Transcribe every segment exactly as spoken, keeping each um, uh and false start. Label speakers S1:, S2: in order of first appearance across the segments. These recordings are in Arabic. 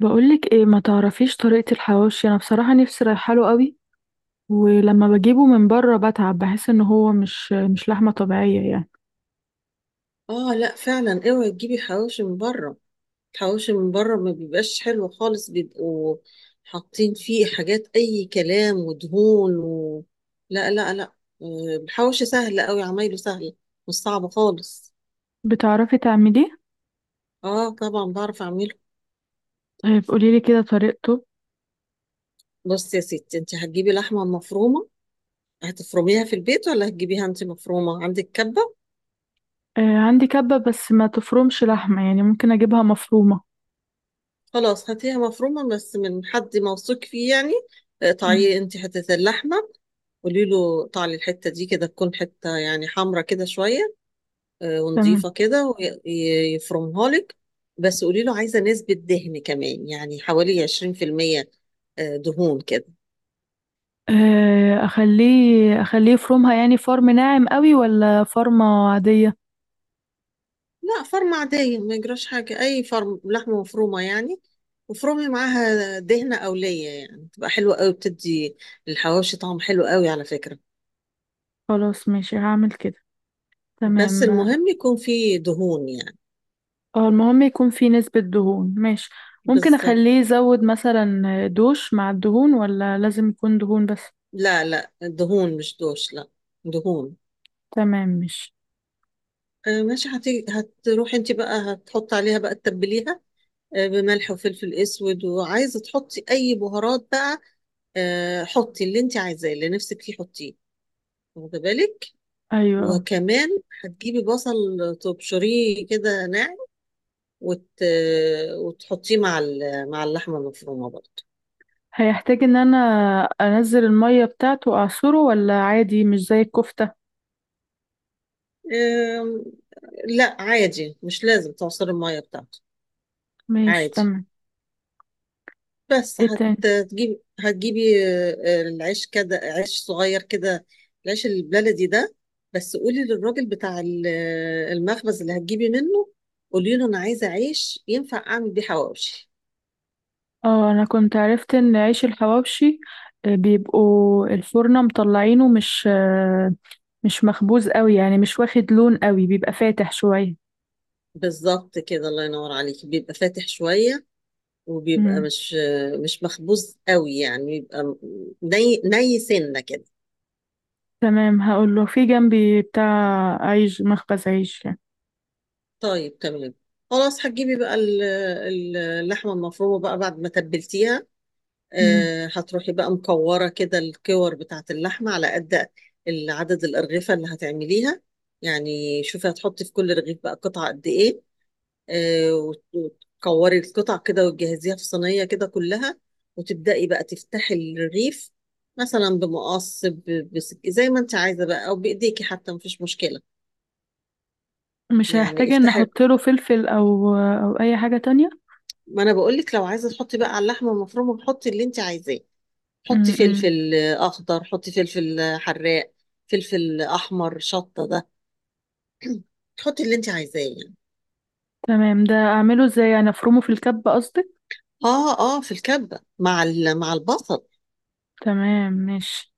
S1: بقولك ايه، ما تعرفيش طريقة الحواوشي؟ انا بصراحة نفسي رايحة له قوي. ولما بجيبه من بره بتعب، بحس ان هو مش مش لحمة طبيعية يعني.
S2: اه لا فعلا اوعي تجيبي حواوشي من بره. الحواوشي من بره ما بيبقاش حلو خالص، بيبقوا حاطين فيه حاجات اي كلام ودهون و... لا لا لا. آه، الحواوشي سهل قوي، عمايله سهل. مش صعب خالص.
S1: بتعرفي تعمليه؟
S2: اه طبعا بعرف اعمله.
S1: آه، قوليلي كده طريقته.
S2: بص يا ستي، انت هتجيبي لحمه مفرومه، هتفرميها في البيت ولا هتجيبيها انت مفرومه عندك كبه؟
S1: آه، عندي كبة بس ما تفرمش لحمة، يعني ممكن اجيبها مفرومة.
S2: خلاص هاتيها مفرومه بس من حد موثوق فيه يعني.
S1: مم.
S2: اقطعي انت حته اللحمه، قولي له طعلي الحتة دي كده، تكون حتة يعني حمرة كده شوية، آه،
S1: تمام.
S2: ونضيفة كده، ويفرمها لك. بس قولي له عايزة نسبة دهن كمان يعني حوالي عشرين في المية، آه، دهون كده.
S1: آه، اخليه اخليه يفرمها يعني فرم ناعم قوي ولا فرمة عادية؟
S2: لا، فرمة عادية ما يجراش حاجة، أي فرم لحمة مفرومة يعني. وفرمي معاها دهنة أولية يعني، تبقى حلوة قوي، بتدي الحواوشي طعم حلو قوي على فكرة.
S1: خلاص ماشي، هعمل كده.
S2: بس
S1: تمام.
S2: المهم يكون فيه دهون يعني.
S1: اه، المهم يكون فيه نسبة دهون. ماشي. ممكن
S2: بالظبط.
S1: اخليه يزود مثلا دوش مع الدهون ولا لازم يكون دهون بس؟
S2: لا لا، دهون، مش دوش، لا، دهون.
S1: تمام. مش.
S2: آه، ماشي، هتيجي هتروحي انت بقى هتحطي عليها بقى تتبليها، آه، بملح وفلفل اسود، وعايزه تحطي اي بهارات بقى، آه، حطي اللي انت عايزاه، اللي نفسك فيه حطيه، واخده بالك.
S1: ايوه.
S2: وكمان هتجيبي بصل، تبشريه كده ناعم، وت... وتحطيه مع ال... مع اللحمه المفرومه برضه.
S1: هيحتاج ان انا انزل المية بتاعته اعصره ولا عادي مش زي الكفتة؟
S2: آم، لا، عادي مش لازم تعصري الميه بتاعته،
S1: ماشي
S2: عادي.
S1: تمام.
S2: بس
S1: ايه تاني؟
S2: هتجيبي هتجيبي آه، العيش كده، عيش صغير كده، العيش البلدي ده. بس قولي للراجل بتاع ال- المخبز اللي هتجيبي منه، قولي له انا عايزه عيش ينفع اعمل بيه حواوشي.
S1: اه، انا كنت عرفت ان عيش الحواوشي آه، بيبقوا الفرنة مطلعينه مش آه، مش مخبوز قوي يعني، مش واخد لون قوي، بيبقى فاتح شوية.
S2: بالظبط كده، الله ينور عليكي، بيبقى فاتح شويه، وبيبقى
S1: مم.
S2: مش آه، مش مخبوز قوي يعني، بيبقى م- ني ني سنه كده.
S1: تمام. هقول له في جنبي بتاع عيش، مخبز عيش يعني.
S2: طيب تمام. خلاص هتجيبي بقى ال- ال- اللحمه المفرومه بقى بعد ما تبلتيها،
S1: مم.
S2: آه، هتروحي بقى مكورة كده، الكور بتاعة اللحمة على قد عدد الأرغفة اللي هتعمليها. يعني شوفي، هتحطي في كل رغيف بقى قطعة قد إيه، آه، وت- وتكوري القطع كده وتجهزيها في صينية كده كلها، وتبدأي بقى تفتحي الرغيف، مثلا بمقص ب- بسك... زي ما انت عايزة بقى، أو بإيديكي حتى، مفيش مشكلة.
S1: مش
S2: يعني
S1: هيحتاج ان
S2: افتحي،
S1: احط له فلفل او او اي حاجة تانية؟
S2: ما أنا بقولك لو عايزة تحطي بقى على اللحمة المفرومة، حطي اللي انت عايزاه، حطي
S1: امم.
S2: فلفل اخضر، حطي فلفل حراق، فلفل احمر، شطه ده، تحطي اللي انت عايزاه يعني.
S1: تمام، ده اعمله ازاي يعني؟ افرمه في الكب قصدك؟
S2: اه اه، في الكبه، مع ال- مع البصل.
S1: تمام ماشي.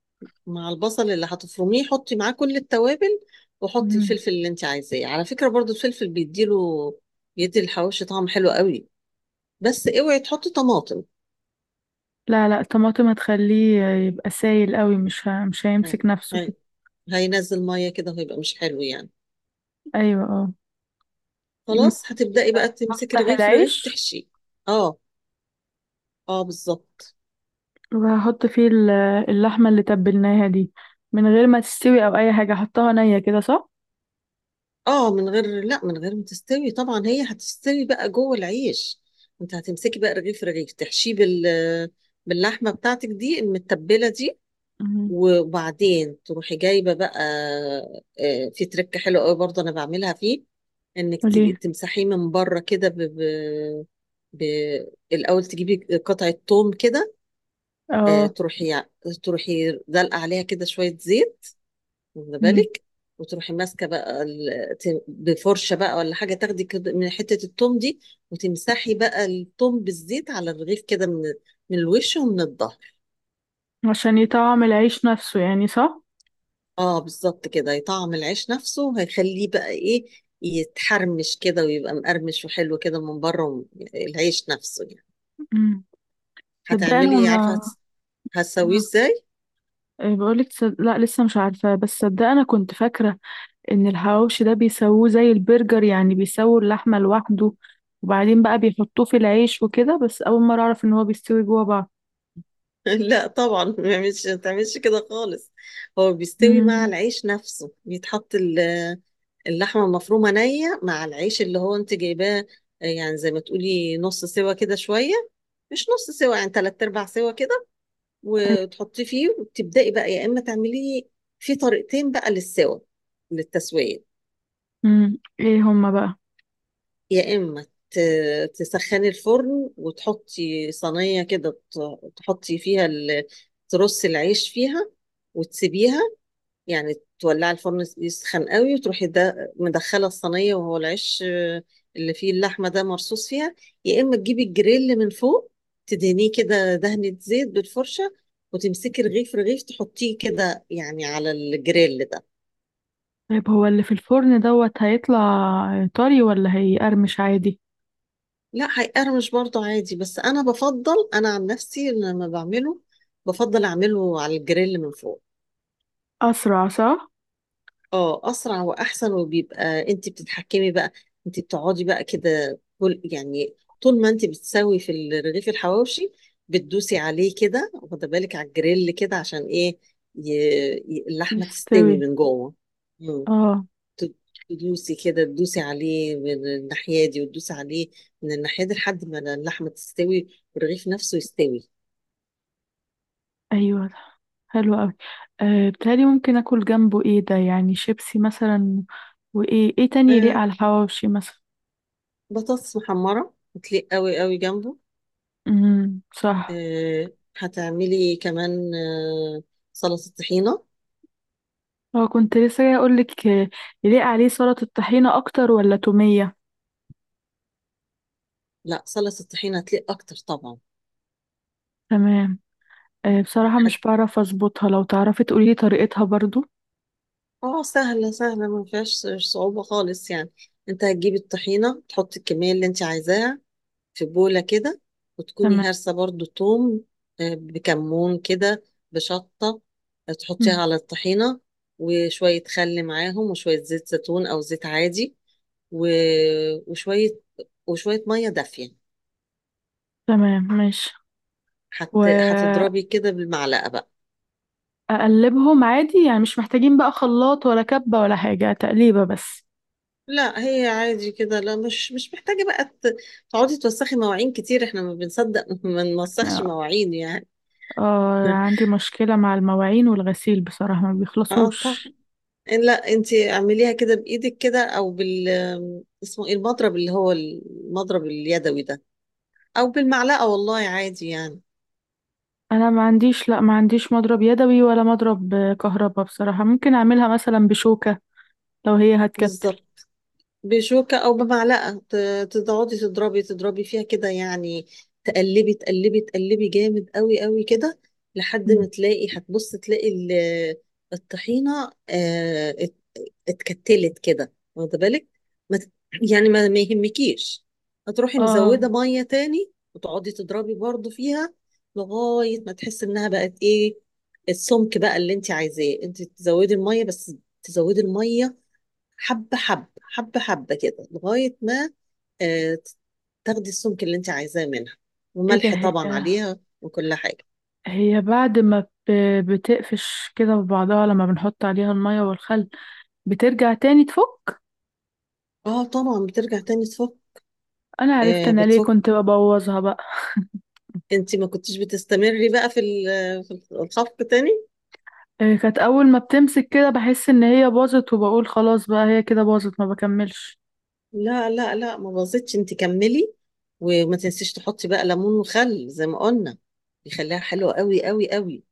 S2: مع البصل اللي هتفرميه حطي معاه كل التوابل، وحطي
S1: مم.
S2: الفلفل اللي انت عايزاه، على فكره برضو الفلفل بيديله، بيدي الحواوشي طعم حلو قوي. بس اوعي تحطي طماطم.
S1: لا لا، الطماطم هتخليه يبقى سايل قوي، مش ه... مش
S2: اه،
S1: هيمسك نفسه
S2: هي-
S1: كده.
S2: هينزل ميه كده وهيبقى مش حلو يعني.
S1: ايوه اه.
S2: خلاص
S1: ماشي.
S2: هتبداي بقى تمسكي
S1: هفتح
S2: رغيف رغيف
S1: العيش
S2: تحشيه. اه. اه بالظبط.
S1: وهحط فيه ال- اللحمة اللي تبلناها دي، من غير ما تستوي او اي حاجة، احطها نية كده صح؟
S2: اه، من غير، لا، من غير ما تستوي طبعا، هي هتستوي بقى جوه العيش. انت هتمسكي بقى رغيف رغيف تحشيه بال باللحمه بتاعتك دي المتبله دي.
S1: مم.
S2: وبعدين تروحي جايبه بقى، آه، في تركه حلوه قوي برضه انا بعملها فيه، انك
S1: وليه؟
S2: ت- تمسحيه من بره كده ب... ب... ب... الاول تجيبي قطعه توم كده، آه،
S1: اه.
S2: تروحي تروحي دلقه عليها كده شويه زيت، واخده
S1: مم.
S2: بالك. وتروحي ماسكه بقى ال- ت- بفرشه بقى ولا حاجه، تاخدي كده من حته التوم دي، وتمسحي بقى التوم بالزيت على الرغيف كده، من من الوش ومن الظهر.
S1: عشان يطعم العيش نفسه يعني صح؟
S2: اه بالظبط كده، هيطعم العيش نفسه، وهيخليه بقى ايه، يتحرمش كده ويبقى مقرمش وحلو كده من بره وم- العيش نفسه يعني.
S1: مم. صدق انا
S2: هتعملي عارفه،
S1: ما
S2: هتس- هتسويه
S1: ما-
S2: ازاي؟
S1: إيه بقولك؟ تصد... لا لسه مش عارفة، بس صدق انا كنت فاكرة ان الحواوشي ده بيسووه زي البرجر، يعني بيسووا اللحمة لوحده وبعدين بقى بيحطوه في العيش وكده. بس اول مرة اعرف ان هو بيستوي جوه بعض.
S2: لا طبعا، ما تعملش ما تعملش كده خالص. هو بيستوي مع
S1: مم.
S2: العيش نفسه، بيتحط ال اللحمة المفرومة نية مع العيش اللي هو انت جايباه، آه، يعني زي ما تقولي نص سوا كده شوية، مش نص سوا يعني، تلات ارباع سوا كده،
S1: طيب.
S2: وتحطيه فيه، وتبدأي بقى يا اما تعمليه. في طريقتين بقى للسوا، للتسوية.
S1: مم. ايه هما بقى؟
S2: يا اما ت- تسخني الفرن وتحطي صينية كده، ت- تحطي فيها ال- ترصي العيش فيها وتسيبيها يعني، تولعي الفرن يسخن قوي وتروحي ده مدخله الصينيه، وهو العيش آه، اللي فيه اللحمه ده مرصوص فيها. يا اما تجيبي الجريل من فوق، تدهنيه كده دهنه زيت بالفرشه، وتمسكي رغيف رغيف تحطيه كده يعني على الجريل ده.
S1: طيب هو اللي في الفرن دوت هيطلع طري ولا هيقرمش عادي؟
S2: لا، هيقرمش برضه عادي، بس انا بفضل، انا عن نفسي لما بعمله بفضل اعمله على الجريل من فوق.
S1: اسرع صح.
S2: اه اسرع واحسن، وبيبقى انت بتتحكمي بقى، انت بتقعدي بقى كده كل يعني طول ما انت بتسوي في ال- رغيف الحواوشي، بتدوسي عليه كده واخده بالك على الجريل كده، عشان ايه، ي... ي- اللحمه تستوي
S1: يستوي.
S2: من جوه. مم.
S1: اه.
S2: ت- تدوسي كده، تدوسي عليه من الناحيه دي، وتدوسي عليه من الناحيه دي لحد ما اللحمه تستوي والرغيف نفسه يستوي.
S1: ايوه. حلو قوي. أه بتهيألي ممكن اكل جنبه ايه ده يعني؟ شيبسي مثلا؟ وايه ايه تاني يليق
S2: آه،
S1: على الحواوشي مثلا؟
S2: بطاطس محمره بتليق قوي قوي جنبه.
S1: امم صح.
S2: آه، هتعملي كمان آه، سلطة طحينة.
S1: هو كنت لسه جاي اقول لك، يليق عليه سلطة الطحينة اكتر ولا تومية؟
S2: لا، سلطة طحينة هتليق أكتر طبعا.
S1: تمام. أه، بصراحة
S2: هت...
S1: مش بعرف اظبطها، لو تعرفي تقولي لي طريقتها برضو.
S2: اه سهلة سهلة، ما فيهاش صعوبة خالص يعني. انت هتجيبي الطحينة، تحطي الكمية اللي انت عايزاها في بولة كده، وتكوني
S1: تمام.
S2: هارسة برضو توم، آه، بكمون كده، بشطة، آه،
S1: مم.
S2: تحطيها على الطحينة، وشوية خل معاهم، وشوية زيت زيتون أو زيت عادي و... وشوية وشوية مية دافية.
S1: تمام ماشي.
S2: هت... هتضربي كده بالمعلقة بقى.
S1: واقلبهم عادي يعني؟ مش محتاجين بقى خلاط ولا كبة ولا حاجة، تقليبة بس؟
S2: لا، هي عادي كده، لا، مش مش محتاجة بقى ت- تقعدي توسخي مواعين كتير، احنا ما بنصدق ما نوسخش مواعين يعني.
S1: اه، عندي مشكلة مع المواعين والغسيل بصراحة، ما
S2: اه طبعا.
S1: بيخلصوش.
S2: لا، انتي اعمليها كده بايدك كده، او بال اسمه ايه، المضرب، اللي هو المضرب اليدوي ده، او بالمعلقة، والله عادي يعني.
S1: انا ما عنديش، لا ما عنديش مضرب يدوي ولا مضرب آه، كهربا بصراحة. ممكن اعملها مثلا بشوكة لو هي هتكتل؟
S2: بالظبط، بشوكة أو بمعلقة، ت- تقعدي تضربي تضربي فيها كده يعني، تقلبي تقلبي تقلبي جامد قوي قوي كده، لحد ما
S1: مم.
S2: تلاقي، هتبص تلاقي ال- الطحينة آه، ات- اتكتلت كده واخدة بالك. ما ت- يعني ما ما يهمكيش. هتروحي
S1: اه.
S2: مزودة مية تاني، وتقعدي تضربي برضو فيها لغاية ما تحس إنها بقت إيه، السمك بقى اللي أنت عايزاه، أنت تزودي المية بس، تزودي المية حبة حبة حبة حبة كده لغاية ما، آه، تاخدي السمك اللي انت عايزاه منها،
S1: ايه ده؟
S2: وملح
S1: هي
S2: طبعا عليها وكل حاجة.
S1: هي بعد ما ب- بتقفش كده ببعضها لما بنحط عليها المية والخل، بترجع تاني تفك؟
S2: اه طبعا، بترجع تاني تفك.
S1: انا عرفت
S2: آه
S1: انا ليه
S2: بتفك،
S1: كنت ببوظها بقى.
S2: انت ما كنتش بتستمري بقى في ال- في الخفق تاني.
S1: آه، كانت اول ما بتمسك كده بحس ان هي باظت وبقول خلاص بقى هي كده باظت، ما بكملش.
S2: لا لا لا، ما باظتش، انت كملي، وما تنسيش تحطي بقى ليمون وخل زي ما قلنا، يخليها حلوة قوي قوي قوي.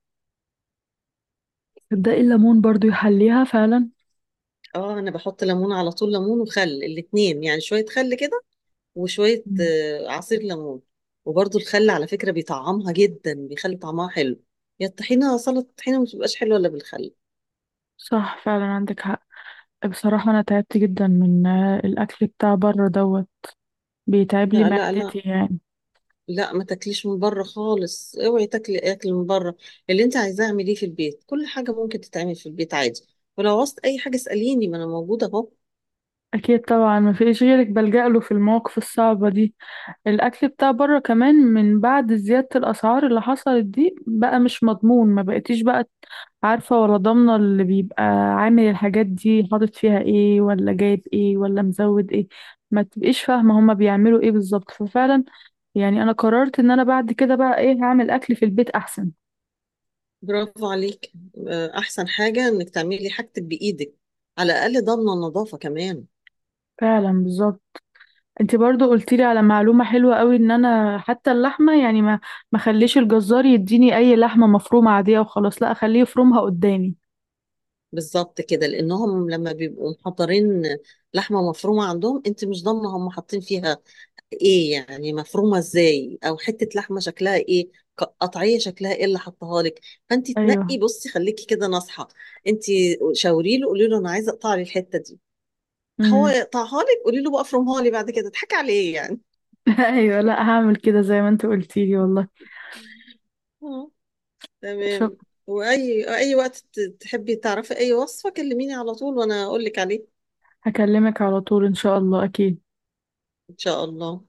S1: تصدقي الليمون برضو يحليها فعلا.
S2: اه، انا بحط ليمون على طول، ليمون وخل الاتنين يعني، شوية خل كده، وشوية
S1: مم.
S2: آه، عصير ليمون. وبرضو الخل على فكرة بيطعمها جدا، بيخلي طعمها حلو، يا الطحينة سلطة الطحينة ما بتبقاش حلوة إلا بالخل.
S1: صح فعلا، عندك حق. بصراحة أنا تعبت جدا من آه، الأكل بتاع بره دوت، بيتعب لي
S2: لا لا
S1: معدتي
S2: لا
S1: يعني.
S2: لا، ما تاكليش من بره خالص، اوعي تاكلي اكل من بره، اللي انت عايزاه اعمليه في البيت، كل حاجة ممكن تتعمل في البيت عادي، ولو عوزت اي حاجة اسأليني، ما انا موجودة اهو.
S1: أكيد طبعا، ما فيش غيرك بلجأ له في المواقف الصعبة دي. الأكل بتاع بره كمان من بعد زيادة الأسعار اللي حصلت دي بقى مش مضمون، ما بقتيش بقى عارفة ولا ضامنة اللي بيبقى عامل الحاجات دي حاطط فيها ايه، ولا جايب ايه، ولا مزود ايه. ما تبقيش فاهمة هما بيعملوا ايه بالظبط. ففعلا يعني، أنا قررت إن أنا بعد كده بقى ايه، هعمل أكل في البيت أحسن.
S2: برافو عليك، آه، احسن حاجة انك تعملي حاجتك بايدك، على الاقل ضامنة النظافة كمان.
S1: فعلا بالظبط. انت برضو قلت لي على معلومة حلوة قوي، ان انا حتى اللحمة يعني ما ما خليش الجزار يديني اي لحمة مفرومة عادية وخلاص، لا اخليه يفرمها قدامي.
S2: بالظبط كده، لانهم لما بيبقوا محضرين لحمه مفرومه عندهم، انت مش ضامنه هم حاطين فيها ايه، يعني مفرومه ازاي، او حته لحمه شكلها ايه، ق- قطعيه شكلها ايه اللي حطها لك. فانت
S1: ايوه.
S2: تنقي، بصي خليكي كده ناصحه، انت شاوري له، قولي له انا عايزه اقطع لي الحته دي، هو
S1: امم.
S2: يقطعها لك، قولي له بقى افرمها لي بعد كده، اضحكي عليه يعني.
S1: ايوه، لا هعمل كده زي ما انت قلتي لي والله.
S2: اه
S1: شو.
S2: تمام. واي، اي وقت ت- تحبي تعرفي اي وصفه كلميني على طول وانا اقول لك عليه.
S1: هكلمك على طول ان شاء الله اكيد.
S2: ان شاء الله.